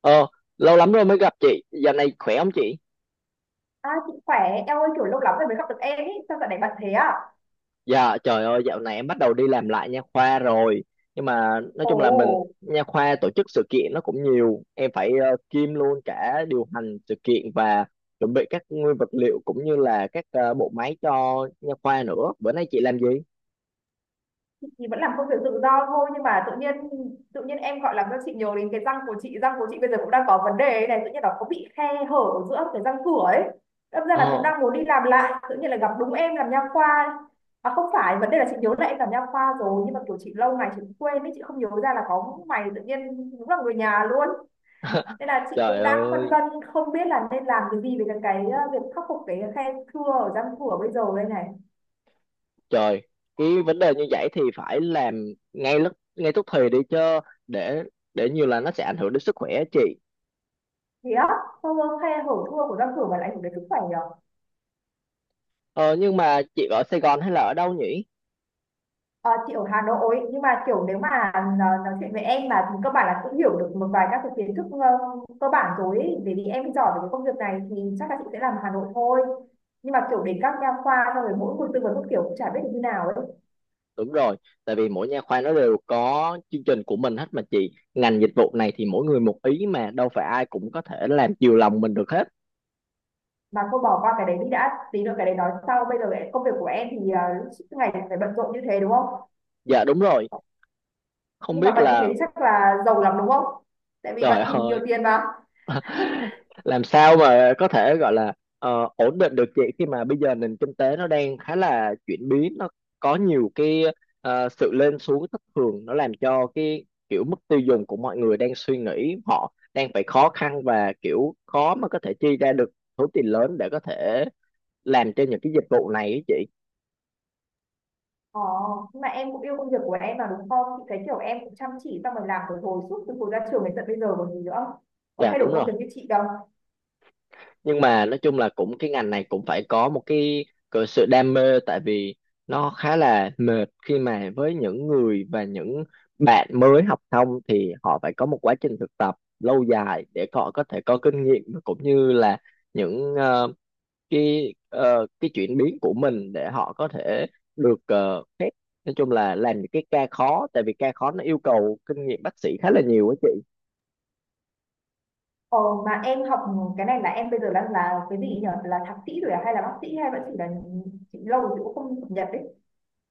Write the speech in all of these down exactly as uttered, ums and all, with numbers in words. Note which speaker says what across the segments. Speaker 1: Ờ, lâu lắm rồi mới gặp chị. Dạo này khỏe không chị?
Speaker 2: À, chị khỏe, em ơi kiểu lâu lắm rồi mới gặp được em ý, sao dạo này bận thế à?
Speaker 1: Dạ, trời ơi, dạo này em bắt đầu đi làm lại nha khoa rồi. Nhưng mà nói chung là mình
Speaker 2: Ồ,
Speaker 1: nha khoa tổ chức sự kiện nó cũng nhiều. Em phải uh, kiêm luôn cả điều hành sự kiện và chuẩn bị các nguyên vật liệu cũng như là các ờ, bộ máy cho nha khoa nữa. Bữa nay chị làm gì?
Speaker 2: chị thì vẫn làm công việc tự do thôi nhưng mà tự nhiên tự nhiên em gọi làm cho chị nhớ đến cái răng của chị, răng của chị bây giờ cũng đang có vấn đề ấy này, tự nhiên nó có bị khe hở ở giữa cái răng cửa ấy. Đâm ra là cũng
Speaker 1: Ờ,
Speaker 2: đang muốn đi làm lại, tự nhiên là gặp đúng em làm nha khoa. À không phải, vấn đề là chị nhớ là em làm nha khoa rồi nhưng mà kiểu chị lâu ngày chị cũng quên ấy, chị không nhớ ra là có mày tự nhiên đúng là người nhà luôn. Nên là chị
Speaker 1: trời
Speaker 2: cũng đang phân
Speaker 1: ơi,
Speaker 2: vân không biết là nên làm cái gì về cái, ờ, việc khắc phục cái khe thưa ở răng cửa bây giờ đây này.
Speaker 1: trời. Cái vấn đề như vậy thì phải làm ngay lúc ngay tức thì đi chứ để để nhiều là nó sẽ ảnh hưởng đến sức khỏe á chị.
Speaker 2: Thì á, khe hở thưa của răng cửa mà lại ảnh hưởng đến sức khỏe nhỉ.
Speaker 1: Ờ, nhưng mà chị ở Sài Gòn hay là ở đâu nhỉ?
Speaker 2: Ờ, chị ở Hà Nội nhưng mà kiểu nếu mà ờ, nói, chuyện với em mà thì cơ bản là cũng hiểu được một vài các cái kiến thức ờ, cơ bản rồi ấy. Bởi vì em giỏi về cái công việc này thì chắc là chị sẽ làm Hà Nội thôi, nhưng mà kiểu đến các nha khoa xong rồi mỗi một tư vấn một kiểu cũng chả biết được như nào ấy.
Speaker 1: Đúng rồi, tại vì mỗi nha khoa nó đều có chương trình của mình hết mà chị. Ngành dịch vụ này thì mỗi người một ý mà đâu phải ai cũng có thể làm chiều lòng mình được hết.
Speaker 2: Mà cô bỏ qua cái đấy đi đã, tí nữa cái đấy nói sau, bây giờ công việc của em thì à, suốt ngày phải bận rộn như thế đúng không?
Speaker 1: Dạ đúng rồi, không
Speaker 2: Nhưng mà
Speaker 1: biết
Speaker 2: bận như thế
Speaker 1: là
Speaker 2: thì chắc là giàu lắm đúng không, tại vì
Speaker 1: trời
Speaker 2: bận thì nhiều
Speaker 1: ơi
Speaker 2: tiền mà.
Speaker 1: làm sao mà có thể gọi là ờ, ổn định được chị khi mà bây giờ nền kinh tế nó đang khá là chuyển biến nó có nhiều cái ờ, sự lên xuống thất thường nó làm cho cái kiểu mức tiêu dùng của mọi người đang suy nghĩ họ đang phải khó khăn và kiểu khó mà có thể chi ra được số tiền lớn để có thể làm cho những cái dịch vụ này ấy chị.
Speaker 2: Ờ, nhưng mà em cũng yêu công việc của em mà đúng không? Chị thấy kiểu em cũng chăm chỉ xong rồi làm từ hồi suốt từ hồi ra trường đến tận bây giờ còn gì nữa. Có
Speaker 1: Dạ
Speaker 2: thay đổi
Speaker 1: đúng
Speaker 2: công
Speaker 1: rồi,
Speaker 2: việc như chị đâu.
Speaker 1: nhưng mà nói chung là cũng cái ngành này cũng phải có một cái, cái sự đam mê tại vì nó khá là mệt khi mà với những người và những bạn mới học xong thì họ phải có một quá trình thực tập lâu dài để họ có thể có kinh nghiệm và cũng như là những ờ, cái ờ, cái chuyển biến của mình để họ có thể được uh, phép nói chung là làm những cái ca khó tại vì ca khó nó yêu cầu kinh nghiệm bác sĩ khá là nhiều á chị.
Speaker 2: Ờ, mà em học cái này là em bây giờ đang là cái gì nhỉ? Là thạc sĩ rồi à? Hay là bác sĩ hay vẫn chỉ là chị lâu rồi chị cũng không cập nhật đấy.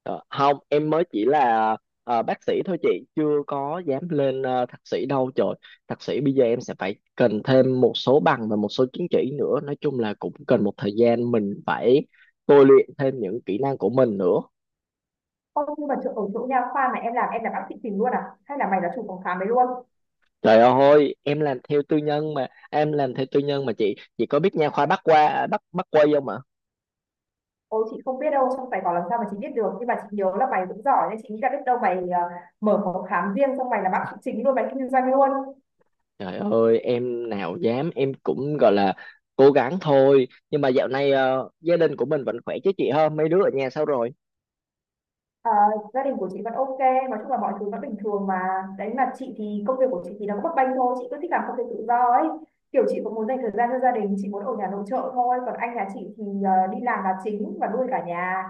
Speaker 1: Ờ, không em mới chỉ là ờ, bác sĩ thôi chị, chưa có dám lên ờ, thạc sĩ đâu trời. Thạc sĩ bây giờ em sẽ phải cần thêm một số bằng và một số chứng chỉ nữa, nói chung là cũng cần một thời gian mình phải tôi luyện thêm những kỹ năng của mình nữa.
Speaker 2: Không, nhưng mà chỗ, ở chỗ nha khoa mà em làm em là bác sĩ tìm luôn à? Hay là mày là chủ phòng khám đấy luôn?
Speaker 1: Trời ơi em làm theo tư nhân mà em làm theo tư nhân mà chị chị có biết nha khoa Bắc qua à, Bắc Bắc Quây không ạ?
Speaker 2: Ôi chị không biết đâu trong bài bảo làm sao mà chị biết được, nhưng mà chị nhớ là mày cũng giỏi nên chị nghĩ là biết đâu mày ờ, mở phòng khám riêng xong mày là bác sĩ chính luôn, mày kinh doanh luôn.
Speaker 1: Trời ơi em nào dám, em cũng gọi là cố gắng thôi. Nhưng mà dạo này ờ, gia đình của mình vẫn khỏe chứ chị, ha mấy đứa ở nhà sao rồi?
Speaker 2: Ờ, gia đình của chị vẫn ok, nói chung là mọi thứ vẫn bình thường mà. Đấy mà chị thì công việc của chị thì nó cũng bấp bênh thôi, chị cứ thích làm công việc tự do ấy. Kiểu chị cũng muốn dành thời gian cho gia đình, chị muốn ở nhà nội trợ thôi. Còn anh nhà chị thì ờ, đi làm là chính và nuôi cả nhà.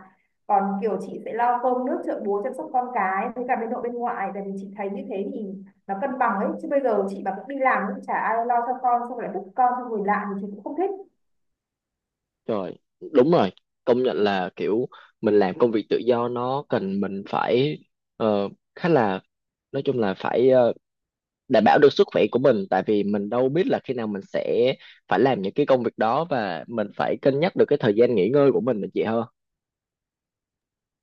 Speaker 2: Còn kiểu chị sẽ lo cơm nước chợ búa chăm sóc con cái với cả bên nội bên ngoại. Tại vì chị thấy như thế thì nó cân bằng ấy. Chứ bây giờ chị mà cũng đi làm cũng chả ai lo cho con, xong rồi lại vứt con cho người lạ thì chị cũng không thích.
Speaker 1: Trời, đúng rồi. Công nhận là kiểu mình làm công việc tự do nó cần mình phải ờ, khá là nói chung là phải ờ, đảm bảo được sức khỏe của mình tại vì mình đâu biết là khi nào mình sẽ phải làm những cái công việc đó và mình phải cân nhắc được cái thời gian nghỉ ngơi của mình nữa chị hơn.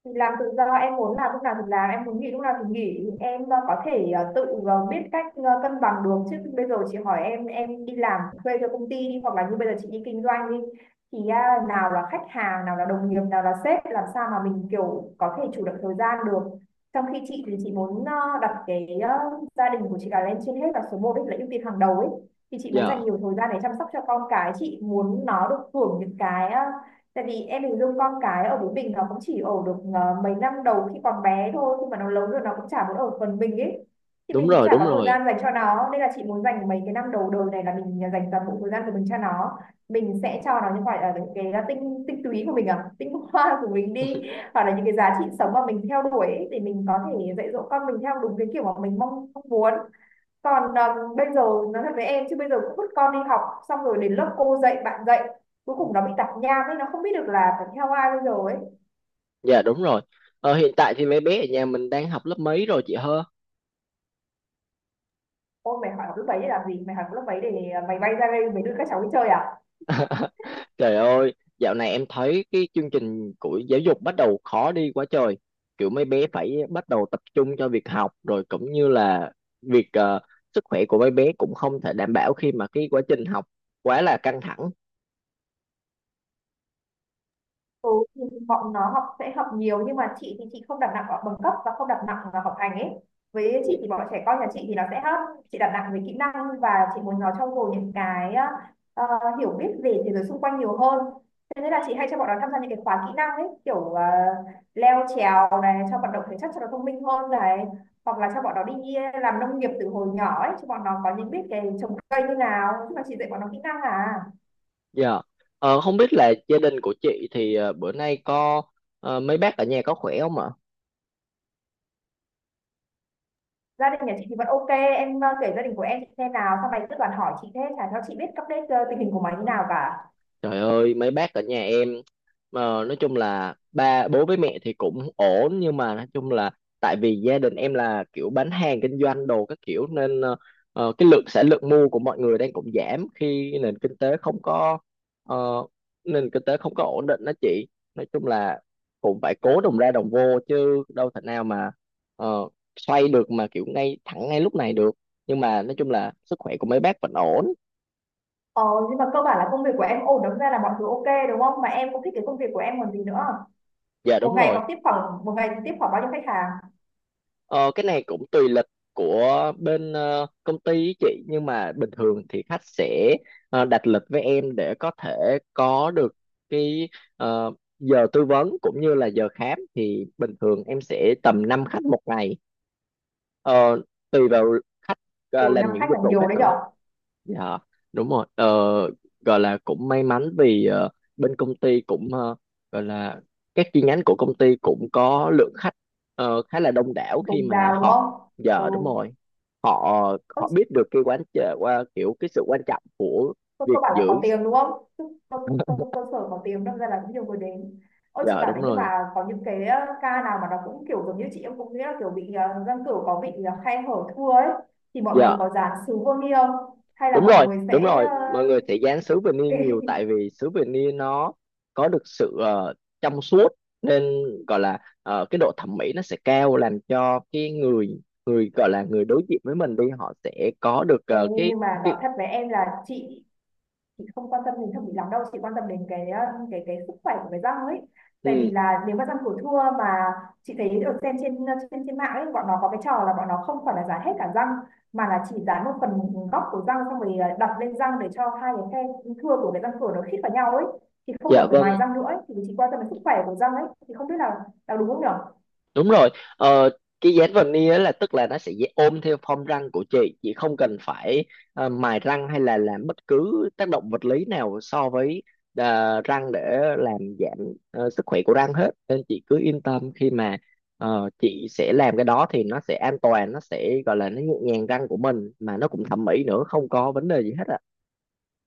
Speaker 2: Thì làm tự do em muốn làm lúc nào thì làm, em muốn nghỉ lúc nào thì nghỉ, em ờ, có thể ờ, tự ờ, biết cách ờ, cân bằng được. Chứ bây giờ chị hỏi em em đi làm thuê cho công ty đi hoặc là như bây giờ chị đi kinh doanh đi thì à, nào là khách hàng, nào là đồng nghiệp, nào là sếp, làm sao mà mình kiểu có thể chủ động thời gian được, trong khi chị thì chị muốn ờ, đặt cái ờ, gia đình của chị là lên trên hết và số một là ưu tiên hàng đầu ấy. Thì chị muốn dành
Speaker 1: Dạ,
Speaker 2: nhiều thời gian để chăm sóc cho con cái, chị muốn nó được hưởng những cái ờ, tại vì em hình dung con cái ở với mình nó cũng chỉ ở được ờ, mấy năm đầu khi còn bé thôi, khi mà nó lớn rồi nó cũng chả muốn ở phần mình ấy, thì
Speaker 1: đúng
Speaker 2: mình cũng
Speaker 1: rồi,
Speaker 2: chả
Speaker 1: đúng
Speaker 2: có thời
Speaker 1: rồi.
Speaker 2: gian dành cho nó, nên là chị muốn dành mấy cái năm đầu đời này là mình dành toàn bộ thời gian của mình cho nó. Mình sẽ cho nó những gọi là những cái ờ, tinh tinh túy của mình, à tinh hoa của mình đi, hoặc là những cái giá trị sống mà mình theo đuổi ấy, thì mình có thể dạy dỗ con mình theo đúng cái kiểu mà mình mong, mong muốn. Còn à, bây giờ nói thật với em chứ bây giờ cũng vứt con đi học, xong rồi đến lớp cô dạy bạn dạy, cuối cùng nó bị tạp nham ấy, nó không biết được là phải theo ai bây giờ ấy.
Speaker 1: Dạ, đúng rồi. Ờ, hiện tại thì mấy bé ở nhà mình đang học lớp mấy rồi chị hơ?
Speaker 2: Ôi mày hỏi học lớp mấy để làm gì, mày hỏi học lớp mấy để à, mày bay ra đây mày đưa các cháu đi chơi à?
Speaker 1: Trời ơi, dạo này em thấy cái chương trình của giáo dục bắt đầu khó đi quá trời. Kiểu mấy bé phải bắt đầu tập trung cho việc học rồi cũng như là việc ờ, sức khỏe của mấy bé cũng không thể đảm bảo khi mà cái quá trình học quá là căng thẳng.
Speaker 2: Ừ, thì bọn nó học sẽ học nhiều nhưng mà chị thì chị không đặt nặng vào bằng cấp và không đặt nặng vào học hành ấy. Với
Speaker 1: Dạ.
Speaker 2: chị thì bọn trẻ con nhà chị thì nó sẽ hấp, chị đặt nặng về kỹ năng và chị muốn nó trau dồi những cái ờ, ờ, hiểu biết về thế giới xung quanh nhiều hơn. Thế nên là chị hay cho bọn nó tham gia những cái khóa kỹ năng ấy, kiểu ờ, leo trèo này cho vận động thể chất cho nó thông minh hơn này, hoặc là cho bọn nó đi làm nông nghiệp từ hồi nhỏ ấy, cho bọn nó có những biết cái trồng cây như nào, chứ mà chị dạy bọn nó kỹ năng à.
Speaker 1: Dạ. Ờ, không biết là gia đình của chị thì ờ, bữa nay có ờ, mấy bác ở nhà có khỏe không ạ?
Speaker 2: Gia đình nhà chị thì vẫn OK, em, ơ, kể gia đình của em chị xem nào, sau này cứ toàn hỏi chị thế chả cho chị biết update, ơ, tình hình của mày như nào cả.
Speaker 1: Trời ơi, mấy bác ở nhà em mà nói chung là ba bố với mẹ thì cũng ổn, nhưng mà nói chung là tại vì gia đình em là kiểu bán hàng kinh doanh đồ các kiểu nên ờ, ờ, cái lượng sản lượng mua của mọi người đang cũng giảm khi nền kinh tế không có ờ, nền kinh tế không có ổn định đó chị. Nói chung là cũng phải cố đồng ra đồng vô chứ đâu thể nào mà ờ, xoay được mà kiểu ngay thẳng ngay lúc này được. Nhưng mà nói chung là sức khỏe của mấy bác vẫn ổn.
Speaker 2: Ờ, nhưng mà cơ bản là công việc của em ổn, đâm ra là mọi thứ OK, đúng không? Mà em cũng thích cái công việc của em còn gì nữa.
Speaker 1: Dạ
Speaker 2: Một
Speaker 1: đúng
Speaker 2: ngày
Speaker 1: rồi.
Speaker 2: còn tiếp khoảng, một ngày tiếp khoảng bao nhiêu khách hàng?
Speaker 1: Ờ, cái này cũng tùy lịch của bên ờ, công ty ý chị, nhưng mà bình thường thì khách sẽ ờ, đặt lịch với em để có thể có được cái ờ, giờ tư vấn cũng như là giờ khám thì bình thường em sẽ tầm năm khách một ngày. Ờ, tùy vào khách ờ,
Speaker 2: Ôi, năm
Speaker 1: làm những
Speaker 2: khách là
Speaker 1: dịch vụ
Speaker 2: nhiều
Speaker 1: khác
Speaker 2: đấy
Speaker 1: nữa.
Speaker 2: nhở,
Speaker 1: Dạ đúng rồi, ờ, gọi là cũng may mắn vì ờ, bên công ty cũng ờ, gọi là các chi nhánh của công ty cũng có lượng khách ờ, khá là đông đảo
Speaker 2: dồi
Speaker 1: khi mà
Speaker 2: dào đúng
Speaker 1: họ
Speaker 2: không? Ừ.
Speaker 1: giờ đúng rồi họ
Speaker 2: Ơ,
Speaker 1: họ biết được cái quán chợ qua kiểu cái sự quan trọng của
Speaker 2: Cô,
Speaker 1: việc
Speaker 2: cô bảo là có
Speaker 1: giữ.
Speaker 2: tiếng đúng không? Cơ, cơ, cơ sở có tiếng đâm ra là cũng nhiều người đến. Ôi chị
Speaker 1: Dạ
Speaker 2: bảo
Speaker 1: đúng
Speaker 2: đấy, nhưng
Speaker 1: rồi,
Speaker 2: mà có những cái ờ, ca nào mà nó cũng kiểu giống như chị, em cũng nghĩ là kiểu bị ờ, răng cửu có bị ờ, khe hở thưa ấy, thì mọi người
Speaker 1: giờ
Speaker 2: có dán sứ vô ni không? Hay là
Speaker 1: đúng
Speaker 2: mọi
Speaker 1: rồi,
Speaker 2: người
Speaker 1: đúng
Speaker 2: sẽ
Speaker 1: rồi,
Speaker 2: ờ,
Speaker 1: mọi người sẽ dán sứ vinny nhiều tại vì sứ vinny nó có được sự ờ, trong suốt nên gọi là ờ, cái độ thẩm mỹ nó sẽ cao làm cho cái người người gọi là người đối diện với mình đi họ sẽ có được
Speaker 2: Ê,
Speaker 1: ờ, cái
Speaker 2: nhưng mà nói
Speaker 1: cái
Speaker 2: thật với em là chị chị không quan tâm đến thẩm mỹ lắm đâu, chị quan tâm đến cái uh, cái cái sức khỏe của cái răng ấy. Tại vì
Speaker 1: ừ,
Speaker 2: là nếu mà răng của thưa mà chị thấy được xem trên ờ, trên trên mạng ấy, bọn nó có cái trò là bọn nó không phải là dán hết cả răng, mà là chỉ dán một phần góc của răng xong rồi uh, đặt lên răng để cho hai cái khe thưa của cái răng cửa nó khít vào nhau ấy, thì không cần
Speaker 1: dạ
Speaker 2: phải
Speaker 1: vâng.
Speaker 2: mài răng nữa ấy. Thì chị quan tâm đến sức khỏe của răng ấy, thì không biết là là đúng không nhỉ.
Speaker 1: Đúng rồi, ờ, cái dán veneer á là tức là nó sẽ dễ ôm theo form răng của chị, chị không cần phải ờ, mài răng hay là làm bất cứ tác động vật lý nào so với ờ, răng để làm giảm ờ, sức khỏe của răng hết. Nên chị cứ yên tâm khi mà ờ, chị sẽ làm cái đó thì nó sẽ an toàn, nó sẽ gọi là nó nhẹ nhàng răng của mình mà nó cũng thẩm mỹ nữa, không có vấn đề gì hết ạ.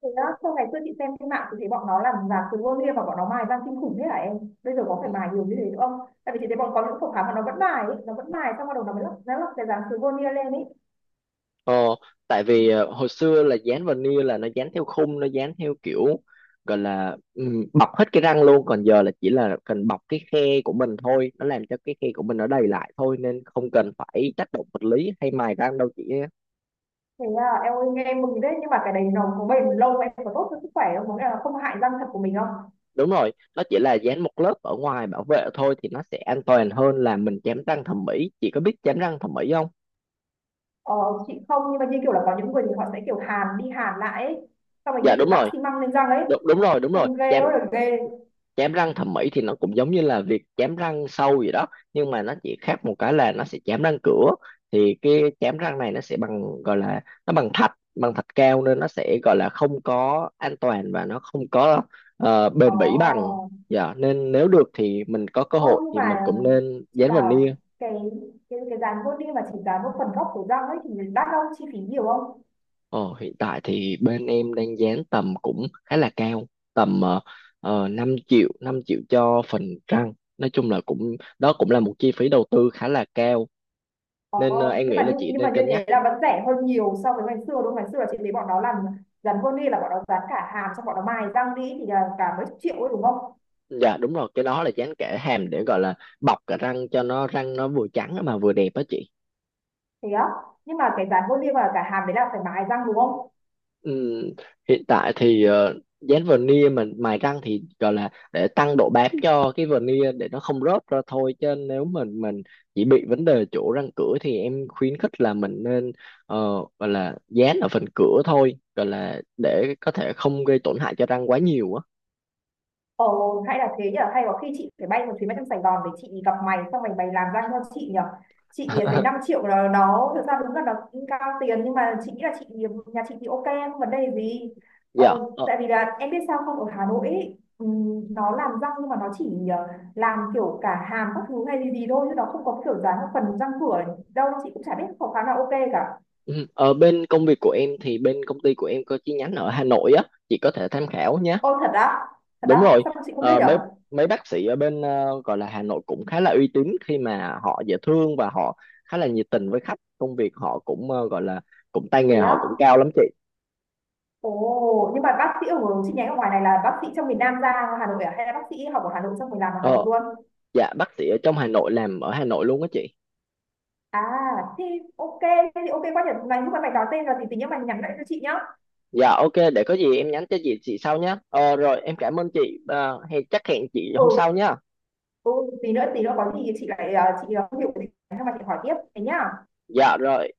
Speaker 2: Thế đó sau ngày xưa chị xem trên mạng thì thấy bọn nó làm giả từ vô lia và bọn nó mài răng kinh khủng thế hả em? Bây giờ có phải
Speaker 1: Ừ.
Speaker 2: mài nhiều như thế nữa không? Tại vì chị thấy bọn có những phòng khám mà nó vẫn mài ấy, nó vẫn mài xong bắt đầu nó mới lắp nó lắp cái dán từ vô lia lên ấy.
Speaker 1: Ờ, tại vì ờ, hồi xưa là dán veneer là nó dán theo khung, nó dán theo kiểu gọi là ừm, bọc hết cái răng luôn, còn giờ là chỉ là cần bọc cái khe của mình thôi, nó làm cho cái khe của mình nó đầy lại thôi nên không cần phải tác động vật lý hay mài răng đâu chị. Á.
Speaker 2: Thế à, em ơi nghe em mừng đấy nhưng mà cái đấy nó có bền lâu, em có tốt cho sức khỏe không? Có nghĩa là không hại răng thật của mình không?
Speaker 1: Đúng rồi, nó chỉ là dán một lớp ở ngoài bảo vệ thôi thì nó sẽ an toàn hơn là mình chém răng thẩm mỹ. Chị có biết chém răng thẩm mỹ không?
Speaker 2: Ờ, chị không, nhưng mà như kiểu là có những người thì họ sẽ kiểu hàn đi hàn lại ấy. Xong rồi như
Speaker 1: Dạ
Speaker 2: kiểu
Speaker 1: đúng
Speaker 2: đắp
Speaker 1: rồi,
Speaker 2: xi măng lên răng ấy.
Speaker 1: đúng, đúng rồi, đúng rồi.
Speaker 2: Trông ghê
Speaker 1: Chém
Speaker 2: ơi là ghê.
Speaker 1: chém răng thẩm mỹ thì nó cũng giống như là việc chém răng sâu gì đó, nhưng mà nó chỉ khác một cái là nó sẽ chém răng cửa thì cái chém răng này nó sẽ bằng gọi là nó bằng thạch bằng thạch cao nên nó sẽ gọi là không có an toàn và nó không có ờ, bền bỉ bằng.
Speaker 2: Ồ.
Speaker 1: Dạ nên nếu được thì mình có cơ
Speaker 2: Ôi
Speaker 1: hội
Speaker 2: nhưng
Speaker 1: thì mình
Speaker 2: mà
Speaker 1: cũng nên
Speaker 2: chị
Speaker 1: dán veneer.
Speaker 2: bảo cái cái cái dán vô đi mà chỉ dán một phần gốc của răng ấy thì đắt không, chi phí nhiều không?
Speaker 1: Ồ, hiện tại thì bên em đang dán tầm cũng khá là cao, tầm uh, năm triệu năm triệu cho phần răng, nói chung là cũng đó cũng là một chi phí đầu tư khá là cao nên ờ,
Speaker 2: Ồ,
Speaker 1: em
Speaker 2: nhưng
Speaker 1: nghĩ
Speaker 2: mà
Speaker 1: là
Speaker 2: như
Speaker 1: chị
Speaker 2: nhưng mà
Speaker 1: nên
Speaker 2: như
Speaker 1: cân nhắc.
Speaker 2: thế là vẫn rẻ hơn nhiều so với ngày xưa đúng không? Ngày xưa là chị thấy bọn nó làm dán vô đi là bọn nó dán cả hàm xong bọn nó mài răng đi thì là cả mấy chục triệu ấy đúng không?
Speaker 1: Dạ đúng rồi, cái đó là dán kẽ hàm để gọi là bọc cả răng cho nó răng nó vừa trắng mà vừa đẹp á chị.
Speaker 2: Thế á? Nhưng mà cái dán vô đi và cả hàm đấy là phải mài răng đúng không?
Speaker 1: Ừm, hiện tại thì ờ, dán veneer mà mài răng thì gọi là để tăng độ bám cho cái veneer để nó không rớt ra thôi, chứ nếu mình mình chỉ bị vấn đề chỗ răng cửa thì em khuyến khích là mình nên ờ, gọi là dán ở phần cửa thôi gọi là để có thể không gây tổn hại cho răng quá nhiều á.
Speaker 2: Ồ, hay là thế nhở, hay có khi chị phải bay một chuyến bay sang Sài Gòn để chị gặp mày, xong mày bày làm ra cho chị nhở. Chị thì thấy năm triệu là nó, thực ra đúng là nó cũng cao tiền, nhưng mà chị nghĩ là chị, nhà chị thì ok, không vấn đề gì. Ờ,
Speaker 1: Dạ.
Speaker 2: tại vì là em biết sao không, ở Hà Nội ấy, ừm, nó làm răng nhưng mà nó chỉ ờ, làm kiểu cả hàm các thứ hay gì gì thôi, chứ nó không có kiểu dán một phần răng cửa đâu, chị cũng chả biết có khá là ok cả.
Speaker 1: Ừ, ở bên công việc của em thì bên công ty của em có chi nhánh ở Hà Nội á, chị có thể tham khảo nhé.
Speaker 2: Ô thật á, thật
Speaker 1: Đúng
Speaker 2: á,
Speaker 1: rồi,
Speaker 2: sao mà chị không biết
Speaker 1: ờ, mấy
Speaker 2: nhở?
Speaker 1: mấy bác sĩ ở bên ờ, gọi là Hà Nội cũng khá là uy tín khi mà họ dễ thương và họ khá là nhiệt tình với khách. Công việc họ cũng ờ, gọi là cũng tay
Speaker 2: Thế
Speaker 1: nghề
Speaker 2: á,
Speaker 1: họ cũng cao lắm chị.
Speaker 2: ồ, nhưng mà bác sĩ ở chi nhánh ở ngoài này là bác sĩ trong miền Nam ra Hà Nội à? Hay là bác sĩ học ở Hà Nội xong rồi làm ở Hà
Speaker 1: Ờ,
Speaker 2: Nội luôn?
Speaker 1: dạ bác sĩ ở trong Hà Nội làm ở Hà Nội luôn á chị.
Speaker 2: À, thì ok, thế thì ok quá nhỉ. Mày lúc mà mày nói tên rồi thì tí nữa mày nhắn lại cho chị nhá.
Speaker 1: Dạ ok, để có gì em nhắn cho chị chị sau nhé. Ờ, rồi em cảm ơn chị, ờ, hẹn chắc hẹn chị
Speaker 2: Ừ,
Speaker 1: hôm sau nhé.
Speaker 2: ừ, tí nữa tí nữa có gì thì chị lại ờ, chị ờ, không hiểu thì mà chị hỏi tiếp thế nhá.
Speaker 1: Dạ rồi.